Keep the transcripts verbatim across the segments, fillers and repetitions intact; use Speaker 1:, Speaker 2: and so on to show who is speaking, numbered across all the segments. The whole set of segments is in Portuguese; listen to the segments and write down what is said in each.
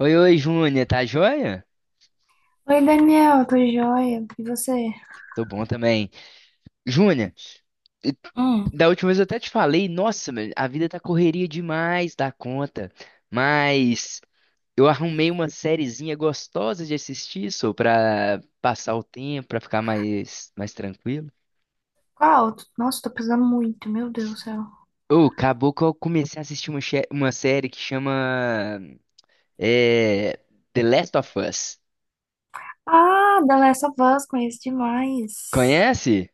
Speaker 1: Oi, oi, Júnia, tá joia?
Speaker 2: Oi, Daniel, tô joia. E você?
Speaker 1: Tô bom também. Júnia, e-
Speaker 2: Hum.
Speaker 1: da última vez eu até te falei, nossa, meu, a vida tá correria demais da conta, mas eu arrumei uma sériezinha gostosa de assistir, só pra passar o tempo, pra ficar mais, mais tranquilo.
Speaker 2: Qual? Nossa, tô precisando muito, meu Deus do céu.
Speaker 1: Ô, acabou que eu comecei a assistir uma, che- uma série que chama é, The Last of Us.
Speaker 2: Ah, The Last of Us, conheço demais.
Speaker 1: Conhece?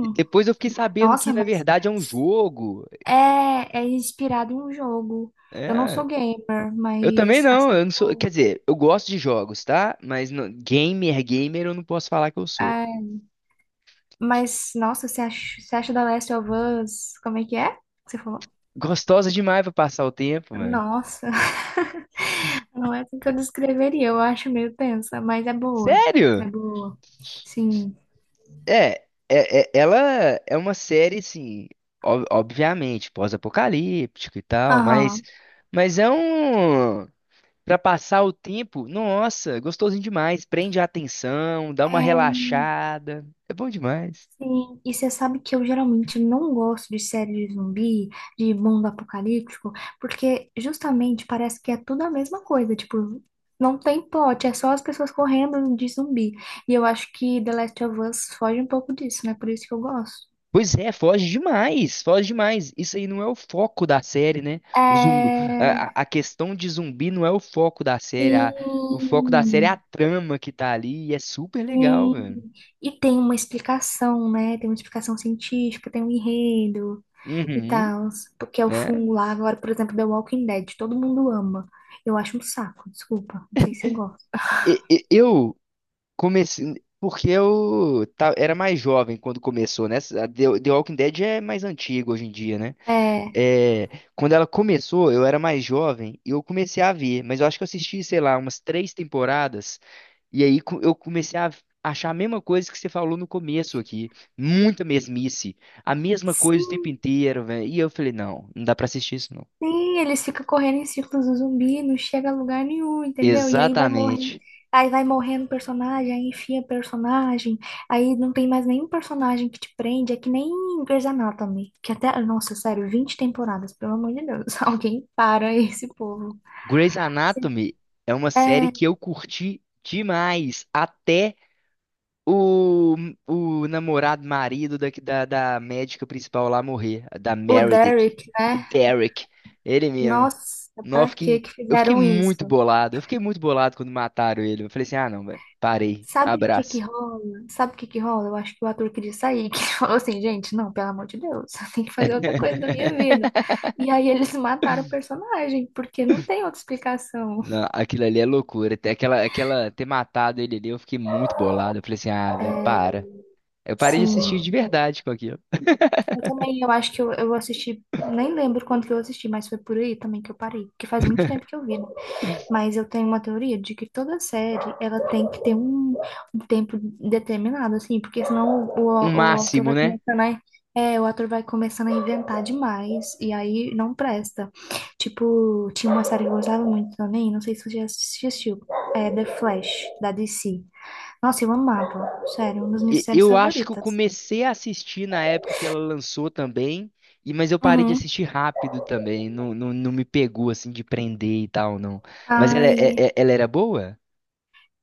Speaker 1: E depois eu fiquei sabendo
Speaker 2: Nossa,
Speaker 1: que, na
Speaker 2: mas
Speaker 1: verdade, é um jogo.
Speaker 2: é, é inspirado em um jogo. Eu não sou
Speaker 1: É.
Speaker 2: gamer,
Speaker 1: Eu também
Speaker 2: mas a
Speaker 1: não,
Speaker 2: série
Speaker 1: eu
Speaker 2: é
Speaker 1: não sou.
Speaker 2: boa.
Speaker 1: Quer dizer, eu gosto de jogos, tá? Mas não- gamer, gamer, eu não posso falar que eu sou.
Speaker 2: É, mas, nossa, você acha, você acha The Last of Us? Como é que é? Que Você falou?
Speaker 1: Gostosa demais pra passar o tempo, mano.
Speaker 2: Nossa, não é assim que eu descreveria. Eu acho meio tensa, mas é boa. É
Speaker 1: Sério?
Speaker 2: boa. Sim.
Speaker 1: É, é, é- ela é uma série, assim, ob- obviamente, pós-apocalíptico e tal, mas,
Speaker 2: Aham.
Speaker 1: mas é um. Pra passar o tempo, nossa, gostosinho demais. Prende a atenção, dá
Speaker 2: É,
Speaker 1: uma relaxada. É bom demais.
Speaker 2: sim, e você sabe que eu geralmente não gosto de série de zumbi, de mundo apocalíptico, porque justamente parece que é tudo a mesma coisa, tipo, não tem plot, é só as pessoas correndo de zumbi. E eu acho que The Last of Us foge um pouco disso, né? Por isso que eu gosto.
Speaker 1: Pois é, foge demais, foge demais. Isso aí não é o foco da série, né? O zumbi, a,
Speaker 2: É,
Speaker 1: a- a questão de zumbi não é o foco da série. A- o foco da série é a
Speaker 2: sim,
Speaker 1: trama que tá ali e é super legal,
Speaker 2: sim.
Speaker 1: velho.
Speaker 2: E tem uma explicação, né? Tem uma explicação científica, tem um enredo. E
Speaker 1: Uhum,
Speaker 2: tal, porque é o fungo
Speaker 1: né?
Speaker 2: lá. Agora, por exemplo, The Walking Dead, todo mundo ama. Eu acho um saco, desculpa, não sei se você gosta.
Speaker 1: E- e- eu comecei porque eu ta- era mais jovem quando começou, né? A The, The Walking Dead é mais antigo hoje em dia, né?
Speaker 2: É,
Speaker 1: É, quando ela começou, eu era mais jovem e eu comecei a ver, mas eu acho que eu assisti, sei lá, umas três temporadas, e aí co- eu comecei a achar a mesma coisa que você falou no começo aqui, muita mesmice, a mesma coisa o tempo
Speaker 2: sim,
Speaker 1: inteiro, velho. E eu falei, não, não dá pra assistir isso não.
Speaker 2: sim, eles ficam correndo em círculos do zumbi, não chega a lugar nenhum, entendeu? E aí vai morrendo,
Speaker 1: Exatamente.
Speaker 2: aí vai morrendo personagem, aí enfia personagem, aí não tem mais nenhum personagem que te prende, é que nem Grey's Anatomy, que até, nossa, sério, vinte temporadas, pelo amor de Deus, alguém para esse povo.
Speaker 1: Grey's Anatomy é uma série
Speaker 2: É,
Speaker 1: que eu curti demais, até O, o namorado, marido da, da, da médica principal lá morrer, da
Speaker 2: o
Speaker 1: Meredith,
Speaker 2: Derek,
Speaker 1: o
Speaker 2: né?
Speaker 1: Derek, ele mesmo.
Speaker 2: Nossa,
Speaker 1: Não, eu
Speaker 2: pra que
Speaker 1: fiquei,
Speaker 2: que
Speaker 1: eu fiquei
Speaker 2: fizeram
Speaker 1: muito
Speaker 2: isso?
Speaker 1: bolado, eu fiquei muito bolado quando mataram ele. Eu falei assim, ah não, velho, parei,
Speaker 2: Sabe o que que
Speaker 1: abraço.
Speaker 2: rola? Sabe o que que rola? Eu acho que o ator queria sair, que ele falou assim, gente, não, pelo amor de Deus, eu tenho que fazer outra coisa da minha vida. E aí eles mataram o personagem, porque não tem outra explicação.
Speaker 1: Não, aquilo ali é loucura. Ter Aquela, aquela, ter matado ele ali, eu fiquei muito bolado. Eu falei assim, ah, velho, para. Eu parei de assistir
Speaker 2: Sim,
Speaker 1: de verdade com aquilo.
Speaker 2: eu também, eu acho que eu, eu assisti, nem lembro quando que eu assisti, mas foi por aí também que eu parei, porque faz muito tempo que eu vi, né? Mas eu tenho uma teoria de que toda série ela tem que ter um, um tempo determinado, assim, porque senão o,
Speaker 1: Um
Speaker 2: o, o autor
Speaker 1: máximo,
Speaker 2: vai
Speaker 1: né?
Speaker 2: começando a, é, o ator vai começando a inventar demais e aí não presta. Tipo, tinha uma série que eu gostava muito também, não sei se você já assistiu, é The Flash, da D C. Nossa, eu amava, sério, uma das minhas
Speaker 1: E-
Speaker 2: séries
Speaker 1: eu acho que eu
Speaker 2: favoritas.
Speaker 1: comecei a assistir na época que ela lançou também, e mas eu parei de
Speaker 2: Uhum.
Speaker 1: assistir rápido também, não, não, não me pegou assim de prender e tal, não. Mas ela, é-
Speaker 2: Ai.
Speaker 1: é- é, ela era boa?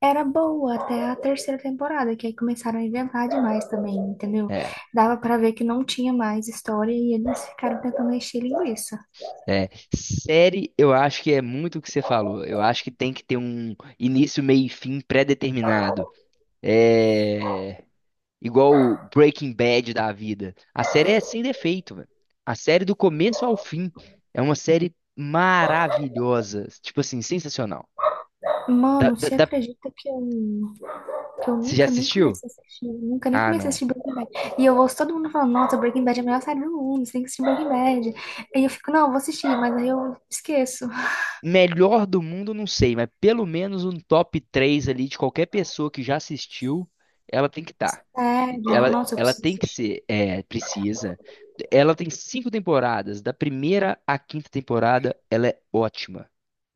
Speaker 2: Era boa até a terceira temporada, que aí começaram a inventar demais também, entendeu?
Speaker 1: É,
Speaker 2: Dava pra ver que não tinha mais história e eles ficaram tentando encher linguiça.
Speaker 1: é. Série, eu acho que é muito o que você falou. Eu acho que tem que ter um início, meio e fim pré-determinado. É igual o Breaking Bad da vida. A série é sem defeito, velho. A série do começo ao fim é uma série maravilhosa, tipo assim, sensacional. Da,
Speaker 2: Mano,
Speaker 1: da-
Speaker 2: você
Speaker 1: da-
Speaker 2: acredita que eu, que eu
Speaker 1: Você já
Speaker 2: nunca nem
Speaker 1: assistiu?
Speaker 2: comecei a assistir, nunca nem
Speaker 1: Ah,
Speaker 2: comecei a
Speaker 1: não.
Speaker 2: assistir Breaking Bad. E eu ouço todo mundo falando, nossa, Breaking Bad é a melhor série do mundo, você tem que assistir Breaking Bad. Aí eu fico, não, eu vou assistir, mas aí eu esqueço.
Speaker 1: Melhor do mundo, não sei, mas pelo menos um top três ali de qualquer pessoa que já assistiu, ela tem que estar.
Speaker 2: Sério,
Speaker 1: Ela,
Speaker 2: nossa, eu
Speaker 1: ela tem
Speaker 2: preciso
Speaker 1: que
Speaker 2: assistir.
Speaker 1: ser, é, precisa. Ela tem cinco temporadas, da primeira à quinta temporada, ela é ótima.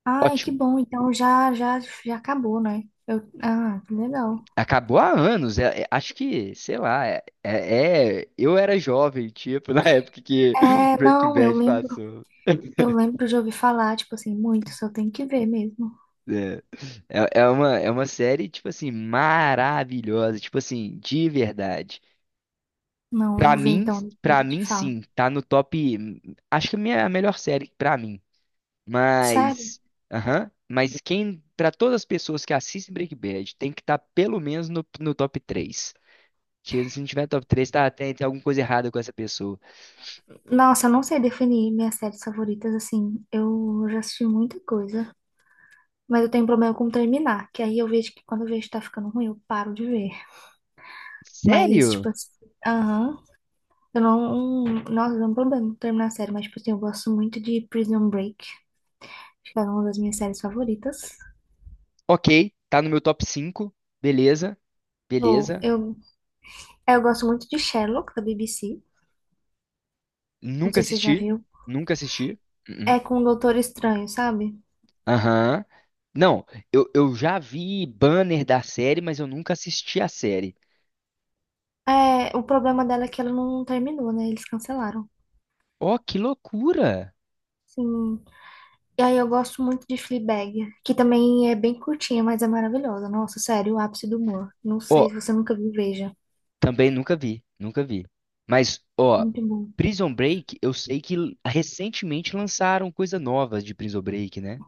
Speaker 2: Ai, que
Speaker 1: Ótimo.
Speaker 2: bom, então já, já, já acabou, né? Eu, ah, que legal.
Speaker 1: Acabou há anos, é- é- acho que, sei lá, é, é- é- eu era jovem, tipo, na época que
Speaker 2: É,
Speaker 1: Breaking
Speaker 2: não, eu
Speaker 1: Bad
Speaker 2: lembro.
Speaker 1: passou.
Speaker 2: Eu lembro de ouvir falar, tipo assim, muito, só tenho que ver mesmo.
Speaker 1: É, é é uma, é uma série, tipo assim, maravilhosa, tipo assim, de verdade.
Speaker 2: Não, eu
Speaker 1: Pra
Speaker 2: vou ver
Speaker 1: mim,
Speaker 2: então, depois
Speaker 1: pra
Speaker 2: eu te
Speaker 1: mim
Speaker 2: falo.
Speaker 1: sim, tá no top, hum, acho que a minha a melhor série pra mim.
Speaker 2: Sério?
Speaker 1: Mas, aham, mas quem, pra todas as pessoas que assistem Breaking Bad, tem que estar tá pelo menos no, no top três. Se se não tiver top três, tá, tem, tem alguma coisa errada com essa pessoa.
Speaker 2: Nossa, eu não sei definir minhas séries favoritas, assim. Eu já assisti muita coisa, mas eu tenho um problema com terminar, que aí eu vejo que quando eu vejo que tá ficando ruim, eu paro de ver. Mas,
Speaker 1: Sério?
Speaker 2: tipo assim, aham. Eu não. Nossa, eu tenho um problema com terminar a série, mas, tipo assim, eu gosto muito de Prison Break, acho que é uma das minhas séries favoritas.
Speaker 1: Ok, tá no meu top cinco. Beleza,
Speaker 2: Ou
Speaker 1: beleza.
Speaker 2: eu, é, eu gosto muito de Sherlock, da B B C. Não
Speaker 1: Nunca
Speaker 2: sei se você já
Speaker 1: assisti,
Speaker 2: viu.
Speaker 1: nunca assisti. Uh-uh.
Speaker 2: É com o Doutor Estranho, sabe?
Speaker 1: Aham. Não, eu, eu já vi banner da série, mas eu nunca assisti a série.
Speaker 2: É, o problema dela é que ela não terminou, né? Eles cancelaram.
Speaker 1: Ó, que loucura!
Speaker 2: Sim. E aí eu gosto muito de Fleabag, que também é bem curtinha, mas é maravilhosa. Nossa, sério, o ápice do humor. Não sei se
Speaker 1: Ó,
Speaker 2: você nunca viu, veja.
Speaker 1: também nunca vi, nunca vi. Mas, ó,
Speaker 2: Muito bom.
Speaker 1: Prison Break, eu sei que l- recentemente lançaram coisa nova de Prison Break, né?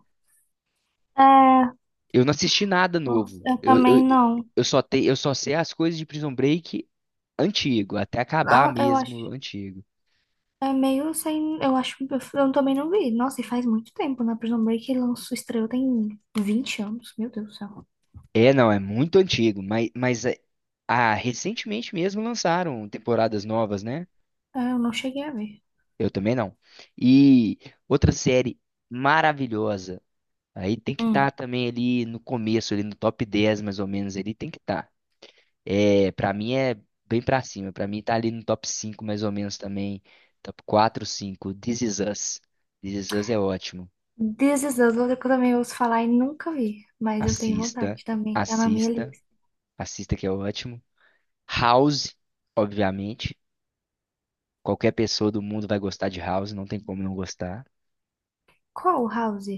Speaker 2: É,
Speaker 1: Eu não assisti nada
Speaker 2: nossa,
Speaker 1: novo.
Speaker 2: eu
Speaker 1: Eu, eu,
Speaker 2: também não.
Speaker 1: eu só te, eu só sei as coisas de Prison Break antigo, até acabar
Speaker 2: Ah, eu acho.
Speaker 1: mesmo antigo.
Speaker 2: É meio sem. Eu acho. Eu eu também não vi. Nossa, e faz muito tempo, né? Prison Break lançou, estreou tem vinte anos. Meu Deus do céu.
Speaker 1: É, não, é muito antigo, mas, mas é- ah, recentemente mesmo lançaram temporadas novas, né?
Speaker 2: É, eu não cheguei a ver.
Speaker 1: Eu também não. E outra série maravilhosa. Aí tem que estar também ali no começo, ali no top dez mais ou menos, ali tem que estar. É, para mim é bem pra cima. Pra mim tá ali no top cinco mais ou menos também. Top quatro, cinco. This Is Us. This Is Us é ótimo.
Speaker 2: This Is Us, outra que eu também ouço falar e nunca vi, mas eu tenho
Speaker 1: Assista,
Speaker 2: vontade também, tá na minha
Speaker 1: assista,
Speaker 2: lista.
Speaker 1: assista que é ótimo. House, obviamente. Qualquer pessoa do mundo vai gostar de House, não tem como não gostar.
Speaker 2: Qual House?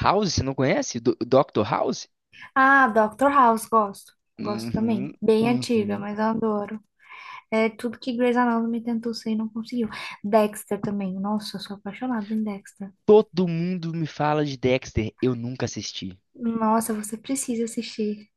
Speaker 1: House, você não conhece? Do doutor House?
Speaker 2: Ah, doutor House, gosto. Gosto
Speaker 1: Uhum,
Speaker 2: também. Bem antiga,
Speaker 1: uhum.
Speaker 2: mas eu adoro. É tudo que Grey's Anatomy tentou ser e não conseguiu. Dexter também. Nossa, eu sou apaixonada em Dexter.
Speaker 1: Todo mundo me fala de Dexter, eu nunca assisti.
Speaker 2: Nossa, você precisa assistir.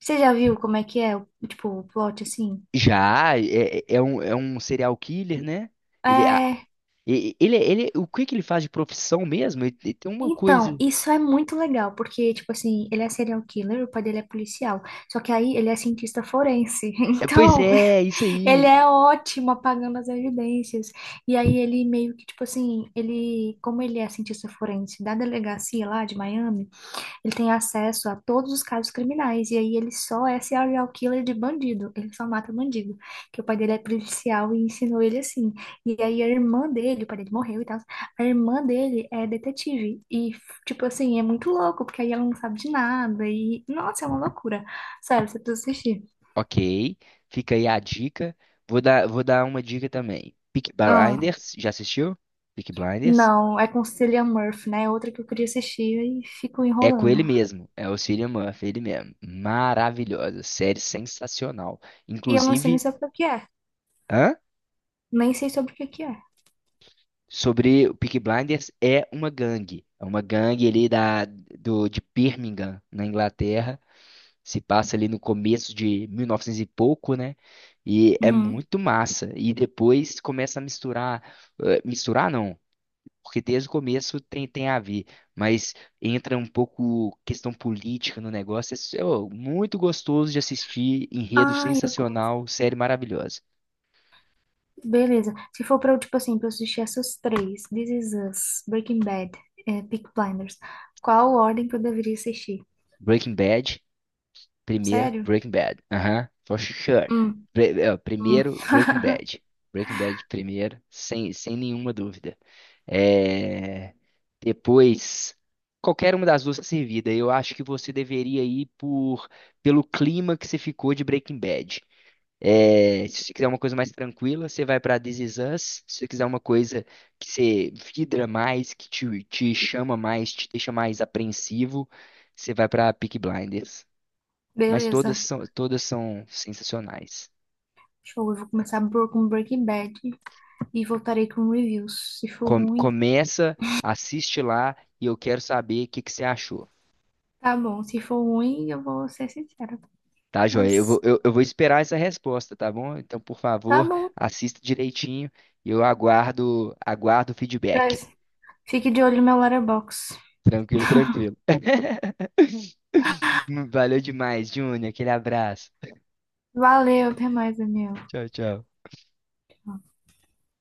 Speaker 2: Você já viu como é que é, o- tipo, o plot assim?
Speaker 1: Já, é, é é um, é um serial killer, né? Ele, a-
Speaker 2: É.
Speaker 1: e- ele, ele, o que que ele faz de profissão mesmo? Ele, ele tem uma coisa.
Speaker 2: Então, isso é muito legal, porque, tipo assim, ele é serial killer, o pai dele é policial. Só que aí ele é cientista forense.
Speaker 1: É, pois
Speaker 2: Então,
Speaker 1: é, é isso
Speaker 2: ele
Speaker 1: aí.
Speaker 2: é ótimo apagando as evidências. E aí ele meio que, tipo assim, ele, como ele é cientista forense da delegacia lá de Miami, ele tem acesso a todos os casos criminais. E aí ele só é serial killer de bandido. Ele só mata bandido. Que o pai dele é policial e ensinou ele assim. E aí a irmã dele, o pai dele morreu e tal. A irmã dele é detetive. E, tipo assim, é muito louco, porque aí ela não sabe de nada. E, nossa, é uma loucura. Sério, você precisa assistir.
Speaker 1: Ok, fica aí a dica. Vou dar, vou dar uma dica também. Peaky
Speaker 2: Ah,
Speaker 1: Blinders, já assistiu? Peaky Blinders?
Speaker 2: não, é com Cillian Murphy, né? É outra que eu queria assistir e fico
Speaker 1: É com
Speaker 2: enrolando.
Speaker 1: ele mesmo, é o Cillian Murphy, ele mesmo. Maravilhosa, série sensacional.
Speaker 2: E eu não sei nem
Speaker 1: Inclusive,
Speaker 2: sobre o que é.
Speaker 1: hã?
Speaker 2: Nem sei sobre o que que é.
Speaker 1: Sobre o Peaky Blinders é uma gangue. É uma gangue ali da, do, de Birmingham, na Inglaterra. Se passa ali no começo de mil e novecentos e novecentos e pouco, né? E é
Speaker 2: Uhum.
Speaker 1: muito massa. E depois começa a misturar. Eh, misturar não, porque desde o começo tem, tem a ver. Mas entra um pouco questão política no negócio. É, s- ô, muito gostoso de assistir. Enredo
Speaker 2: Ah, eu gosto.
Speaker 1: sensacional, série maravilhosa.
Speaker 2: Beleza. Se for pra eu, tipo assim, pra eu assistir essas três, This Is Us, Breaking Bad, é, Peaky Blinders, qual ordem que eu deveria assistir?
Speaker 1: Breaking Bad. Primeiro,
Speaker 2: Sério?
Speaker 1: Breaking Bad. Aham, for sure.
Speaker 2: Hum,
Speaker 1: Pre- é,
Speaker 2: hum.
Speaker 1: Primeiro, Breaking Bad. Breaking Bad primeiro, sem, sem nenhuma dúvida. É, depois, qualquer uma das duas tá servida. Eu acho que você deveria ir por pelo clima que você ficou de Breaking Bad. É, se você quiser uma coisa mais tranquila, você vai para This Is Us. Se você quiser uma coisa que você vidra mais, que te, te chama mais, te deixa mais apreensivo, você vai para Peaky Blinders. Mas todas
Speaker 2: Beleza.
Speaker 1: são, todas são sensacionais.
Speaker 2: Show. Eu vou começar por- com Breaking Bad e voltarei com reviews. Se for
Speaker 1: Com-
Speaker 2: ruim,
Speaker 1: começa, assiste lá e eu quero saber o que que você achou.
Speaker 2: tá bom. Se for ruim, eu vou ser sincera.
Speaker 1: Tá, joia? Eu vou,
Speaker 2: Mas
Speaker 1: eu, eu vou esperar essa resposta, tá bom? Então, por
Speaker 2: tá
Speaker 1: favor,
Speaker 2: bom.
Speaker 1: assista direitinho e eu aguardo, aguardo o feedback.
Speaker 2: Mas fique de olho no meu letterbox.
Speaker 1: Tranquilo, tranquilo. Valeu demais, Júnior. Aquele abraço.
Speaker 2: Valeu, até mais, Daniel.
Speaker 1: Tchau, tchau.